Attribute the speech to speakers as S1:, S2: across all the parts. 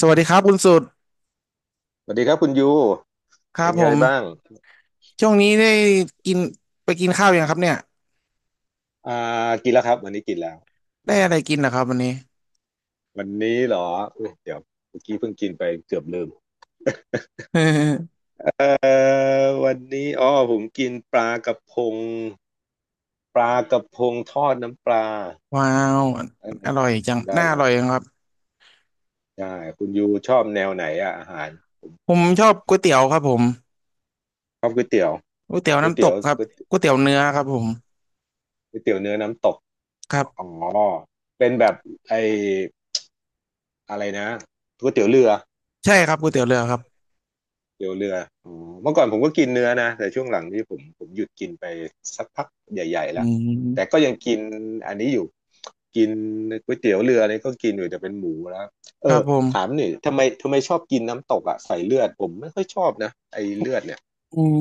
S1: สวัสดีครับคุณสุด
S2: สวัสดีครับคุณยู
S1: ครั
S2: เป็
S1: บ
S2: น
S1: ผ
S2: ไง
S1: ม
S2: บ้าง
S1: ช่วงนี้ได้กินไปกินข้าวยังครับเนี่ย
S2: อ่ากินแล้วครับวันนี้กินแล้วอื
S1: ได้
S2: ม
S1: อะไรกินเหรอครับวันนี้
S2: วันนี้เหรออุ๊ยเดี๋ยวเมื่อกี้เพิ่งกินไปเกือบลืมเอ่วันนี้อ๋อผมกินปลากระพงปลากระพงทอดน้ำปลา
S1: ว้าว
S2: เอ
S1: อร่อ
S2: อ
S1: ยจัง
S2: ได้
S1: น่าอ
S2: แล้ว
S1: ร่อยจังครับ
S2: ได้คุณยูชอบแนวไหนอะอาหาร
S1: ผมชอบก๋วยเตี๋ยวครับผม
S2: ชอบก๋วยเตี๋ยว
S1: ก๋วยเตี๋ยว
S2: ก๋วย
S1: น้ำต
S2: เตี๋ยว
S1: กครับ
S2: ก๋วย
S1: ก๋วยเตี๋ยวเนื้อครับผม
S2: ก๋วยเตี๋ยวเนื้อน้ำตก
S1: ครั
S2: อ๋อ
S1: บ
S2: เป็นแบบไออะไรนะก๋วยเตี๋ยวเรือ
S1: ใช่ครับก๋วยเตี๋ยวเรือครับ
S2: เตี่ยวเรืออ๋อเมื่อก่อนผมก็กินเนื้อนะแต่ช่วงหลังนี่ผมหยุดกินไปสักพักใหญ่ๆ
S1: อื
S2: แล้วแต่ก็
S1: ม
S2: ยังกินอันนี้อยู่กินก๋วยเตี๋ยวเรือนี่ก็กินอยู่แต่เป็นหมูแล้วเอ
S1: ครับ
S2: อ
S1: ผม
S2: ถามหน่อยทำไมชอบกินน้ำตกอ่ะใส่เลือดผมไม่ค่อยชอบนะไอ้เลือดเนี่ย
S1: อืม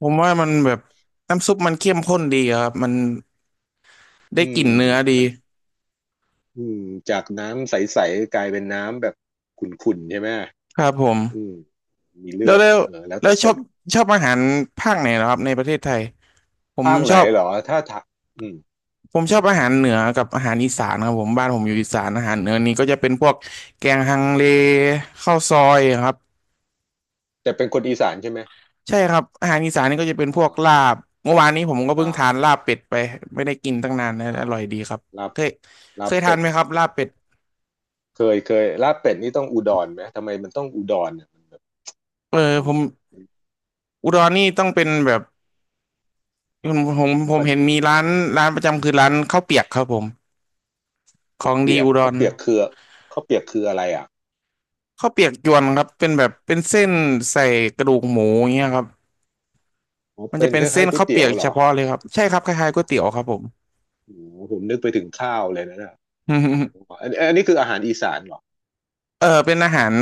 S1: ผมว่ามันแบบน้ำซุปมันเข้มข้นดีอะครับมันได้
S2: อื
S1: ก
S2: ม
S1: ลิ่นเนื้อดี
S2: มันอืมจากน้ำใสๆกลายเป็นน้ำแบบขุ่นๆใช่ไหม
S1: ครับผม
S2: อืมมีเลื
S1: แล้
S2: อ
S1: ว
S2: ด
S1: แล้ว
S2: เออแล้ว
S1: แล้
S2: แต่
S1: ว
S2: ค
S1: ชอ
S2: น
S1: บชอบอาหารภาคไหนเหรอครับในประเทศไทยผม
S2: ภาคไห
S1: ช
S2: น
S1: อบ
S2: เหรอถ้าถามอืม
S1: ผมชอบอาหารเหนือกับอาหารอีสานครับผมบ้านผมอยู่อีสานอาหารเหนือนี่ก็จะเป็นพวกแกงฮังเลข้าวซอยครับ
S2: แต่เป็นคนอีสานใช่ไหม
S1: ใช่ครับอาหารอีสานนี่ก็จะเป็น
S2: อ๋
S1: พ
S2: อ
S1: วกลาบเมื่อวานนี้ผมก็เพิ่ง
S2: ลา
S1: ทา
S2: บ
S1: นลาบเป็ดไปไม่ได้กินตั้งนานนะ
S2: ลา
S1: อ
S2: บ
S1: ร่อยดีครับ
S2: ลาบ
S1: เคย
S2: ลา
S1: เค
S2: บ
S1: ยทา
S2: เป็
S1: น
S2: ด
S1: ไหมครับลาบเป็ด
S2: เคยลาบเป็ดนี่ต้องอุดรไหมทำไมมันต้องอุดรเนี่ยมันแบบ
S1: เออ
S2: มัน
S1: ผม
S2: มัน
S1: อุดรนี่ต้องเป็นแบบผม
S2: มัน
S1: เห็นมีร้านร้านประจำคือร้านข้าวเปียกครับผมข
S2: ข้า
S1: อ
S2: ว
S1: งดี
S2: เปียก
S1: อุด
S2: ข้าว
S1: ร
S2: เปียกคือข้าวเปียกคืออะไรอ่ะ
S1: ข้าวเปียกยวนครับเป็นแบบเป็นเส้นใส่กระดูกหมูอย่างเงี้ยครับ
S2: อ๋อ
S1: มัน
S2: เป็
S1: จะ
S2: น
S1: เป็น
S2: ค
S1: เส้
S2: ล้าย
S1: น
S2: ๆก๋วย
S1: ข้าว
S2: เตี๋
S1: เปี
S2: ย
S1: ย
S2: ว
S1: ก
S2: เหร
S1: เฉ
S2: อ
S1: พาะเลยครับใช่ครับคล้ายๆก๋วยเตี๋ยวครับผม
S2: อ๋อผมนึกไปถึงข้าวเลยนะเนี่ย อันนี้คืออาหารอีสานเหรอ
S1: เออเป็นอาหาร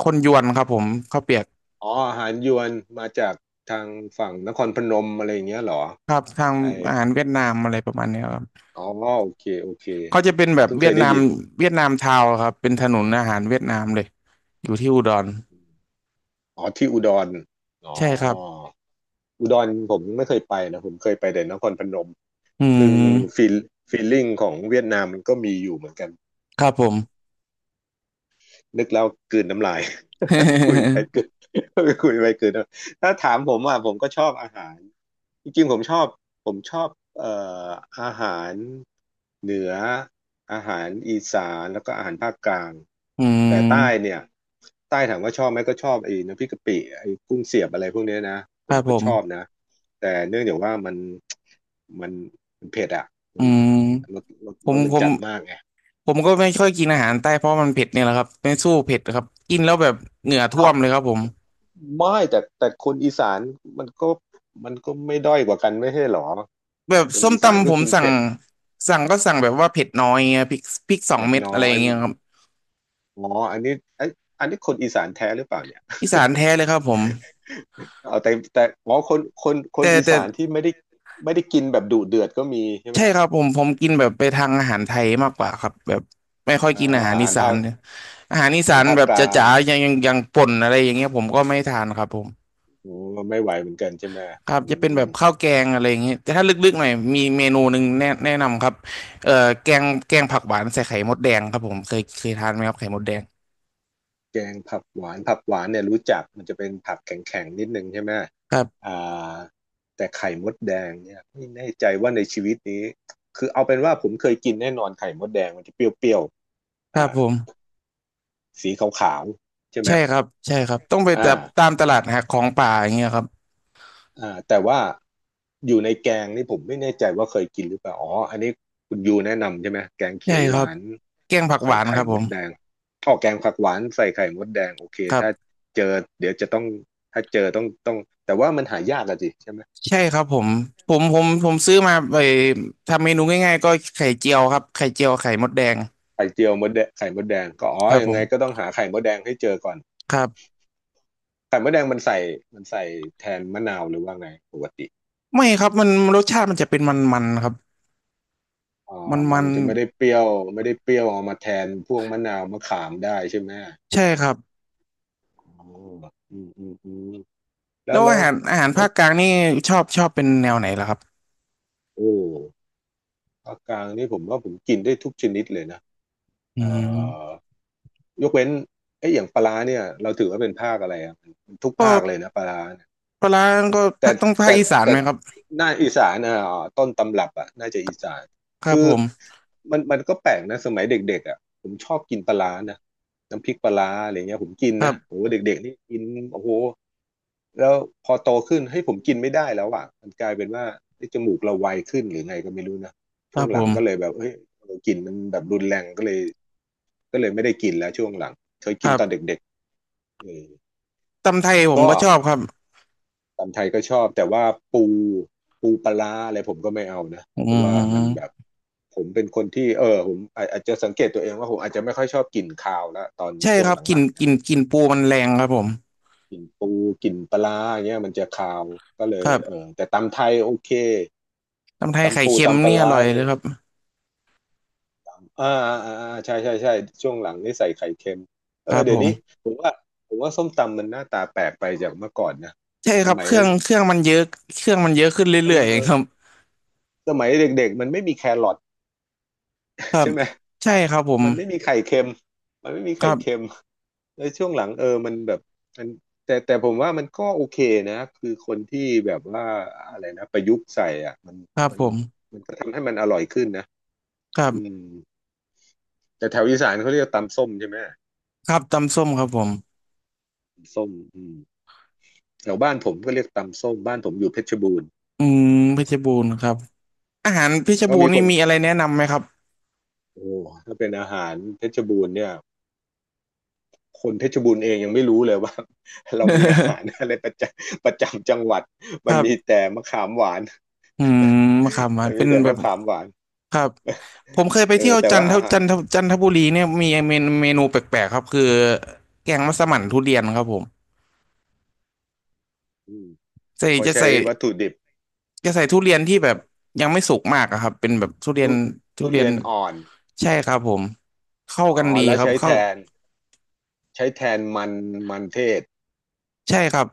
S1: คนยวนครับผมข้าวเปียก
S2: อ๋ออาหารยวนมาจากทางฝั่งนครพนมอะไรอย่างเงี้ยเหรอ
S1: ครับทาง
S2: ไอ
S1: อาหารเวียดนามอะไรประมาณเนี้ยครับ
S2: อ๋อโอเค
S1: เขาจะเป็น
S2: อื
S1: แบ
S2: ม
S1: บ
S2: เพิ่ง
S1: เวี
S2: เค
S1: ยด
S2: ยได้
S1: นาม
S2: ยิน
S1: เวียดนามทาวน์ครับเป็นถนนอาหารเวียดนามเลยอยู่ที่อุดร
S2: อ๋อที่อุดรอ๋อ
S1: ใช่ครับ
S2: อุดรผมไม่เคยไปนะผมเคยไปแต่นครพนม
S1: อื
S2: ซึ่ง
S1: ม
S2: ฟีลลลิ่งของเวียดนามมันก็มีอยู่เหมือนกัน
S1: ครับผ
S2: อื
S1: ม
S2: ม นึกแล้วกลืนน้ำลาย คุยไปกลืน คุยไปกลืนน้ำถ้าถามผมอ่ะผมก็ชอบอาหารจริงๆผมชอบเอ่ออาหารเหนืออาหารอีสานแล้วก็อาหารภาคกลาง
S1: อื
S2: แต่ใต้
S1: ม
S2: เนี่ยใต้ถามว่าชอบไหมก็ชอบไอ้น้ำพริกกะปิไอ้กุ้งเสียบอะไรพวกเนี้ยนะ
S1: ค
S2: ผ
S1: รั
S2: ม
S1: บผ
S2: ก็ชอบ
S1: ม
S2: นะแต่เนื่องจากว่ามันมันมันเผ็ดอ่ะมั
S1: อื
S2: น
S1: ม
S2: รสรส
S1: ผ
S2: ร
S1: ม
S2: สมั
S1: ผ
S2: น
S1: ม
S2: จัดมากไง
S1: ผมก็ไม่ค่อยกินอาหารใต้เพราะมันเผ็ดเนี่ยแหละครับไม่สู้เผ็ดครับกินแล้วแบบเหงื่อท่
S2: อ้า
S1: ว
S2: ว
S1: มเลยครับผม
S2: ไม่แต่คนอีสานมันก็ไม่ด้อยกว่ากันไม่ใช่เหรอ
S1: แบบ
S2: คน
S1: ส้ม
S2: อีสาน
S1: ตำ
S2: ก็
S1: ผม
S2: กิน
S1: สั่ง
S2: เผ็ด
S1: สั่งก็สั่งแบบว่าเผ็ดน้อยเงี้ยพริกพริกสอง
S2: เผ็ด
S1: เม็ด
S2: น้
S1: อะ
S2: อ
S1: ไรอ
S2: ย
S1: ย่างเงี้ยครับ
S2: อ๋ออันนี้ไอยอันนี้คนอีสานแท้หรือเปล่าเนี่ย
S1: อีสา นแท้เลยครับผม
S2: เอาแต่อ๋อคน
S1: แต่
S2: อี
S1: แต่
S2: สานที่ไม่ได้ไม่ได้กินแบบดุเดือดก็มีใช่ไหม
S1: ใช่ครับผมกินแบบไปทางอาหารไทยมากกว่าครับแบบไม่ค่อย
S2: อ่า
S1: กินอาหาร
S2: อา
S1: อี
S2: หาร
S1: สา
S2: ภา
S1: น
S2: ค
S1: อาหารอี
S2: อาหา
S1: สา
S2: ร
S1: น
S2: ภาค
S1: แบบ
S2: ก
S1: จ
S2: ลาง
S1: ๋าๆอย่างอย่างอย่างป่นอะไรอย่างเงี้ยผมก็ไม่ทานครับผม
S2: อืมไม่ไหวเหมือนกันใช่ไหม
S1: ครับ
S2: อื
S1: จะเป็น
S2: ม
S1: แบบข้าวแกงอะไรอย่างเงี้ยแต่ถ้าลึกๆหน่อยมีเมนูหนึ่งแนะแนะนำครับเอ่อแกงแกงผักหวานใส่ไข่มดแดงครับผมเคยเคยทานไหมครับไข่มดแดง
S2: แกงผักหวานผักหวานเนี่ยรู้จักมันจะเป็นผักแข็งๆนิดนึงใช่ไหม
S1: ครับ
S2: อ่าแต่ไข่มดแดงเนี่ยไม่แน่ใจว่าในชีวิตนี้คือเอาเป็นว่าผมเคยกินแน่นอนไข่มดแดงมันจะเปรี้ยว
S1: ค
S2: ๆ
S1: รับ
S2: อ่า
S1: ผม
S2: สีขาวๆใช่ไหม
S1: ใช่ครับใช่ครับต้องไป
S2: อ่า
S1: แบบตามตลาดหาของป่าอย่างเงี้ยครับ
S2: อ่าแต่ว่าอยู่ในแกงนี่ผมไม่แน่ใจว่าเคยกินหรือเปล่าอ๋ออันนี้คุณยูแนะนำใช่ไหมแกง
S1: ใช่
S2: เขียว
S1: ค
S2: ห
S1: รั
S2: วา
S1: บ
S2: น
S1: แกงผักห
S2: ใส่
S1: วานค
S2: ไข่
S1: รับ
S2: ม
S1: ผ
S2: ด
S1: ม
S2: แดงอ๋อแกงผักหวานใส่ไข่มดแดงโอเค
S1: ครั
S2: ถ้า
S1: บ
S2: เจอเดี๋ยวจะต้องถ้าเจอต้องแต่ว่ามันหายากอะสิใช่ไหม
S1: ใช่ครับผมซื้อมาไปทำเมนูง่ายๆก็ไข่เจียวครับไข่เจียวไข่มดแดง
S2: ไข่เจียวมดแดงไข่มดแดงก็อ๋อ
S1: ครับ
S2: ยั
S1: ผ
S2: งไง
S1: ม
S2: ก็ต้องหาไข่มดแดงให้เจอก่อน
S1: ครับ
S2: ไข่มดแดงมันใส่มันใส่แทนมะนาวหรือว่าไงปกติ
S1: ไม่ครับมันรสชาติมันจะเป็นมันๆครับ
S2: อ๋อ
S1: มัน
S2: มันจะไม่ได้เปรี้ยวไม่ได้เปรี้ยวเอามาแทนพวกมะนาวมะขามได้ใช่ไหม
S1: ๆใช่ครับ
S2: อ๋ออืมแล้
S1: แล้
S2: ว
S1: ว
S2: แล้
S1: อา
S2: ว
S1: หารอาหาร
S2: ม
S1: ภา
S2: ด
S1: คกลางนี่ชอบชอบเป็นแนวไหนล่ะครับ
S2: โอ้ภาคกลางนี่ผมว่าผมกินได้ทุกชนิดเลยนะ
S1: อื
S2: เอ่
S1: ม
S2: อยกเว้นไอ้ยอย่างปลาร้าเนี่ยเราถือว่าเป็นภาคอะไรอ่ะมันทุก
S1: ก็
S2: ภาคเลยนะปลาร้าเนี่ย
S1: ปลาร้าก็
S2: แต่
S1: ต้องภาคอีสานไหมครับ
S2: น่าอีสานอ่ะต้นตำรับอ่ะน่าจะอีสาน
S1: ครับ
S2: คือ
S1: ผม
S2: มันมันก็แปลกนะสมัยเด็กๆอ่ะผมชอบกินปลาร้านะน้ำพริกปลาร้าอะไรเงี้ยผมกินนะโอ้โหเด็กๆนี่กินโอ้โหแล้วพอโตขึ้นให้ยผมกินไม่ได้แล้วอ่ะมันกลายเป็นว่าไอ้ยจมูกเราไวขึ้นหรือไงก็ไม่รู้นะ
S1: ค
S2: ช่
S1: รั
S2: วง
S1: บผ
S2: หลังก็เล
S1: ม
S2: ยแบบเฮ้ยเรากินมันแบบรุนแรงก็เลยไม่ได้กินแล้วช่วงหลังเคย
S1: ค
S2: กิน
S1: รั
S2: ตอน
S1: บ
S2: เด็กๆเออ
S1: ตำไทยผม
S2: ก็
S1: ก็ชอบครับ
S2: ตำไทยก็ชอบแต่ว่าปูปูปลาร้าอะไรผมก็ไม่เอานะ
S1: อื
S2: เพราะว่ามันแบบ
S1: ม
S2: ผมเป็นคนที่ผมอาจจะสังเกตตัวเองว่าผมอาจจะไม่ค่อยชอบกลิ่นคาวแล้วตอน
S1: ใช่
S2: ช่
S1: ค
S2: วง
S1: รับก
S2: ห
S1: ลิ่น
S2: ลังๆ
S1: ก
S2: เนี่ย
S1: ลิ่นกลิ่นปูมันแรงครับผม
S2: กลิ่นปูกลิ่นปลาร้าอย่างเงี้ยมันจะคาวก็เล
S1: ค
S2: ย
S1: รับ
S2: แต่ตำไทยโอเค
S1: ตำไทยไข่
S2: ตำปู
S1: เค็ม
S2: ตำปลา
S1: เนี่ยอ
S2: ร้า
S1: ร่อยเล
S2: เนี่
S1: ย
S2: ย
S1: ครับ
S2: ใช่ใช่ใช่ช่วงหลังนี่ใส่ไข่เค็ม
S1: ครับ
S2: เดี๋
S1: ผ
S2: ยวนี้
S1: ม
S2: ผมว่าผมว่าส้มตำมันหน้าตาแปลกไปจากเมื่อก่อนนะ
S1: ใช่
S2: ส
S1: ครับ
S2: มั
S1: เค
S2: ย
S1: รื่องเครื่องมันเยอะเครื่องมันเยอะขึ้น
S2: เอ
S1: เรื่อย
S2: อ
S1: ๆครับ
S2: สมัยเด็กๆมันไม่มีแครอท
S1: ครับ
S2: ใช่ไหม
S1: ใช่ครับผม
S2: มันไม่มีไข่เค็มมันไม่มี
S1: ค
S2: ไข่
S1: รั
S2: เค็ม
S1: บ
S2: แล้วช่วงหลังมันแบบมันแต่ผมว่ามันก็โอเคนะ คือคนที่แบบว่าอะไรนะประยุกต์ใส่อ่ะมัน
S1: ครับ
S2: มัน
S1: ผม
S2: มันก็ทำให้มันอร่อยขึ้นนะ
S1: ครั
S2: อื
S1: บ
S2: มแต่แถวอีสานเขาเรียกตำส้มใช่ไหม
S1: ครับตำส้มครับผม
S2: ตำส้มอืมแถวบ้านผมก็เรียกตำส้ม บ้านผมอยู่เพชรบูรณ์
S1: อืมเพชรบูรณ์ครับอาหารเพชร
S2: ก็
S1: บูร
S2: มี
S1: ณ์
S2: ค
S1: นี่
S2: น
S1: มีอะไรแนะนำไหมครับ
S2: โอ้ถ้าเป็นอาหารเพชรบูรณ์เนี่ย คนเพชรบูรณ์เองยังไม่รู้เลยว่า เรามีอาหาร อะไรประจำ ประจำจังหวัด
S1: ค
S2: มัน
S1: รั
S2: มี
S1: บ
S2: แต่มะขามหวาน
S1: อืมครับ มั
S2: มั
S1: น
S2: น
S1: เป็
S2: มี
S1: น
S2: แต่
S1: แบ
S2: มะ
S1: บ
S2: ขามหวาน
S1: ครับผมเคยไปเที่ยว
S2: แต่
S1: จัน
S2: ว่า
S1: ท
S2: อาหา
S1: จั
S2: ร
S1: นทจันทบุรีเนี่ยมีเมนูแปลกๆครับคือแกงมัสมั่นทุเรียนครับผม
S2: อืม
S1: ใส่
S2: เขา
S1: จะ
S2: ใช้
S1: ใส่
S2: วัตถุดิบ
S1: จะใส่ทุเรียนที่แบบยังไม่สุกมากอะครับเป็นแบบทุเรียน
S2: ทุ
S1: ทุ
S2: ทุ
S1: เรีย
S2: เรี
S1: น
S2: ยนอ่อน
S1: ใช่ครับผมเข้า
S2: อ๋อ
S1: กันดี
S2: แล้ว
S1: ครับเข้า
S2: นใช้แทนมันมันเทศ
S1: ใช่ครับ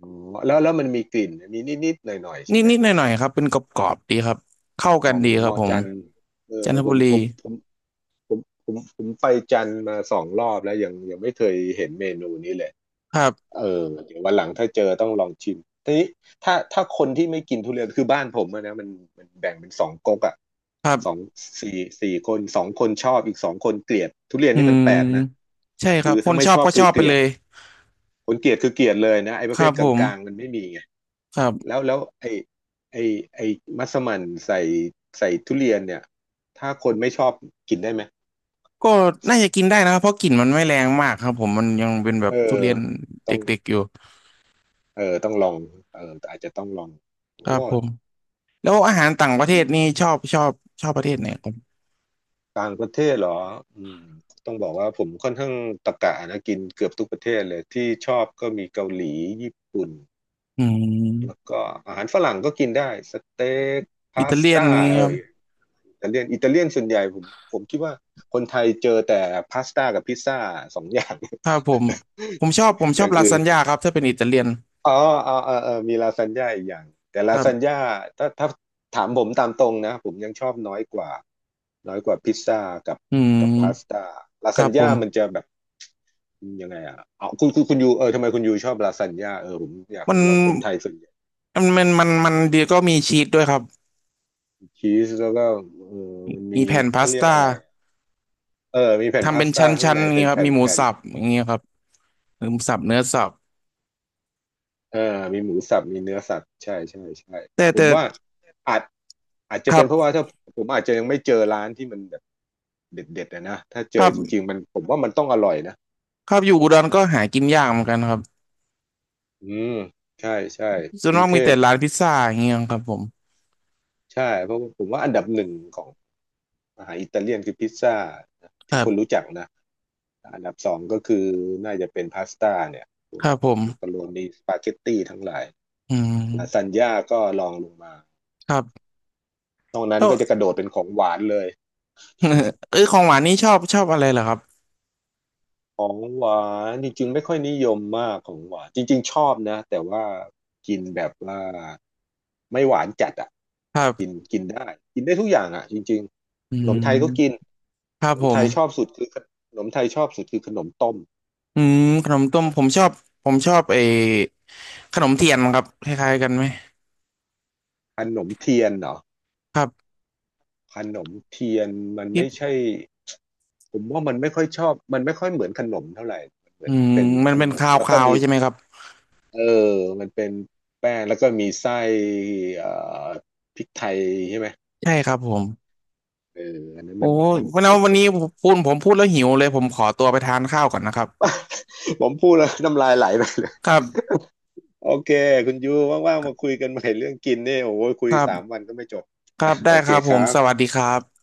S2: อ๋อแล้วมันมีกลิ่นมีนิดนิดหน่อยหน่อยๆ
S1: นิ
S2: ใช่
S1: ด
S2: ไหม
S1: นิดหน่อยหน่อยๆครับเป็นกรอบกรอบดีครับเข้า
S2: อ๋
S1: กัน
S2: อ
S1: ดีครับผม
S2: จันทร์เอ
S1: จั
S2: อ
S1: นท
S2: ผ
S1: บุ
S2: ม
S1: รี
S2: ผมผมผมผมไปจันทร์มา2 รอบแล้วยังไม่เคยเห็นเมนูนี้เลย
S1: ครับ
S2: เออเดี๋ยววันหลังถ้าเจอต้องลองชิมทีนี้ถ้าคนที่ไม่กินทุเรียนคือบ้านผมอะนะมันมันแบ่งเป็น2 ก๊กอะ
S1: ครั
S2: สอง
S1: บ
S2: สี่4 คน 2 คนชอบอีก 2 คนเกลียดทุเรียน
S1: อื
S2: นี่มันแปลกนะ
S1: มใช่ค
S2: คื
S1: รั
S2: อ
S1: บค
S2: ถ้า
S1: น
S2: ไม่
S1: ชอ
S2: ช
S1: บ
S2: อบ
S1: ก็ช
S2: คือ
S1: อบ
S2: เก
S1: ไป
S2: ลีย
S1: เล
S2: ด
S1: ย
S2: คนเกลียดคือเกลียดเลยนะไอ้ป
S1: ค
S2: ระเภ
S1: รั
S2: ท
S1: บ
S2: ก
S1: ผ
S2: ล
S1: ม
S2: างๆมันไม่มีไง
S1: ครับ
S2: แล้วไอ้ไอ้มัสมั่นใส่ทุเรียนเนี่ยถ้าคนไม่ชอบกินได้ไหม
S1: ก็น่าจะกินได้นะครับเพราะกลิ่นมันไม่แรงมากครับผมมันยังเป็นแบ
S2: เอ
S1: บ
S2: อ
S1: ทุเรียนเด
S2: ต้อง
S1: ็กๆอยู่
S2: ต้องลองเอออาจจะต้องลองโอ
S1: ครับผมแล้วอาหารต่างประเทศนี่
S2: ้
S1: ชอบชอบชอบประเทศไหนครับ
S2: ต่างประเทศเหรออืมต้องบอกว่าผมค่อนข้างตะกะนะกินเกือบทุกประเทศเลยที่ชอบก็มีเกาหลีญี่ปุ่น
S1: อื
S2: แล้ว
S1: ม
S2: ก็อาหารฝรั่งก็กินได้สเต็ก
S1: อิ
S2: พา
S1: ตา
S2: ส
S1: เลียน
S2: ต้า
S1: นี้
S2: เอ
S1: ครับ
S2: ยอิตาเลียนส่วนใหญ่ผมคิดว่าคนไทยเจอแต่พาสต้ากับพิซซ่า2 อย่าง
S1: ถ้าผมผมชอบผม ช
S2: อ
S1: อบ
S2: ย่าง
S1: ลา
S2: อื่
S1: ซานญ่า
S2: น
S1: ครับถ้าเป็นอิตาเลียน
S2: อ๋ออ๋อเออมีลาซานญ่าอีกอย่าง แต่
S1: ค
S2: ลา
S1: รั
S2: ซาน
S1: บ
S2: ญ่าถ้าถามผมตามตรงนะผมยังชอบน้อยกว่า น้อยกว่าพิซซ่ากับ
S1: อื
S2: พาส
S1: ม
S2: ต้าลา
S1: ค
S2: ซา
S1: รั
S2: น
S1: บผ
S2: ญ่า
S1: ม
S2: มันจะแบบยังไงอ่ะอ๋อคุณยูทำไมคุณยูชอบลาซานญ่าผมอยาก
S1: มัน
S2: รู้ว่าคนไทยส่วนใหญ่
S1: มันดีก็มีชีสด้วยครับ
S2: ชีสแล้วก็เออมันมี
S1: มีแผ่นพา
S2: เขา
S1: ส
S2: เรียก
S1: ต้า
S2: อะไรมีแผ่น
S1: ทำ
S2: พา
S1: เป็น
S2: ส
S1: ชั
S2: ต้าข้าง
S1: ้น
S2: ใน
S1: ๆอย่าง
S2: เป็
S1: เงี้
S2: น
S1: ยครับ
S2: แผ่น
S1: มีหมู
S2: แผ่น
S1: สับอย่างเงี้ยครับหมูสับเนื้อสับ
S2: เออมีหมูสับมีเนื้อสัตว์ ใช่ใช่ใช่
S1: แต่
S2: ผ
S1: แต่
S2: มว่าอาจอาจ
S1: ค
S2: จะ
S1: รั
S2: เป็นเพราะว่า
S1: บ
S2: ถ้าผมอาจจะยังไม่เจอร้านที่มันแบบ เด็ดๆอะนะถ้าเจ
S1: ค
S2: อ
S1: รับ
S2: จริงๆมันผมว่ามันต้องอร่อยนะ
S1: ครับอยู่อุดรก็หากินยากเหมือนกันครับ
S2: อืมใช่ใช่
S1: ส่ว
S2: ก
S1: น
S2: รุ
S1: มา
S2: ง
S1: ก
S2: เท
S1: มีแต่
S2: พ
S1: ร้านพิซซ่าอย่างเงี้ยครับผม
S2: ใช่เพราะว่าผมว่าอันดับ 1ของอาหารอิตาเลียนคือพิซซ่านะ
S1: ค
S2: ที่
S1: รั
S2: คน
S1: บ
S2: รู้จักนะ อันดับ 2ก็คือน่าจะเป็นพาสต้าเนี่ย
S1: ครับผ
S2: มักกะ
S1: ม
S2: โรนีสปาเกตตีทั้งหลาย
S1: อื
S2: ลาซา
S1: ม
S2: นญ่าก็รองลงมา
S1: ครับ
S2: นอกนั้
S1: แล้
S2: น
S1: ว
S2: ก็จะกระโดดเป็นของหวานเลย
S1: เออของหวานนี่ชอบชอบอะไรเหรอครับ
S2: ของหวานจริงๆไม่ค่อยนิยมมากของหวานจริงๆชอบนะแต่ว่ากินแบบว่าไม่หวานจัดอ่ะ
S1: ครั
S2: กิน
S1: บ
S2: กินได้ทุกอย่างอ่ะจริง
S1: อื
S2: ๆขนม
S1: ม
S2: ไทยก็กิน
S1: ครับผม
S2: ขนมไทยชอบสุดคือขนมต้ม
S1: อืมขนมต้มผมชอบผมชอบไอ้ขนมเทียนครับคล้ายๆกันไหม
S2: ขนมเทียนเหรอ
S1: ครับ
S2: ขนมเทียนมัน
S1: ที่
S2: ไม่ใช่ผมว่ามันไม่ค่อยชอบมันไม่ค่อยเหมือนขนมเท่าไหร่มันเหมื
S1: อื
S2: อน
S1: ม
S2: เป็น
S1: มัน
S2: ข
S1: เป็น
S2: น
S1: ค
S2: มแล้วก็
S1: าว
S2: มี
S1: ๆใช่ไหมครับ
S2: เออมันเป็นแป้งแล้วก็มีไส้เอ่อพริกไทยใช่ไหม
S1: ใช่ครับผม
S2: อันนั้น
S1: โอ้
S2: มัน
S1: วัน
S2: ผ
S1: นี้วัน
S2: ม
S1: นี้ผมพูดผมพูดแล้วหิวเลยผมขอตัวไปทานข้าวก่อนนะครับ
S2: ผมพูดแล้วน้ำลายไหลไปเลย
S1: ครับ
S2: โอเคคุณยูว่างๆมา
S1: ค
S2: คุยกันใหม่เรื่องกินนี่โอ้โหคุย
S1: รับ
S2: 3 วันก็ไม่จบ
S1: ครั
S2: อ่ะ
S1: บ ได้
S2: โอ
S1: ค
S2: เค
S1: รับ
S2: ค
S1: ผ
S2: รั
S1: มสวั
S2: บ
S1: สดีครับ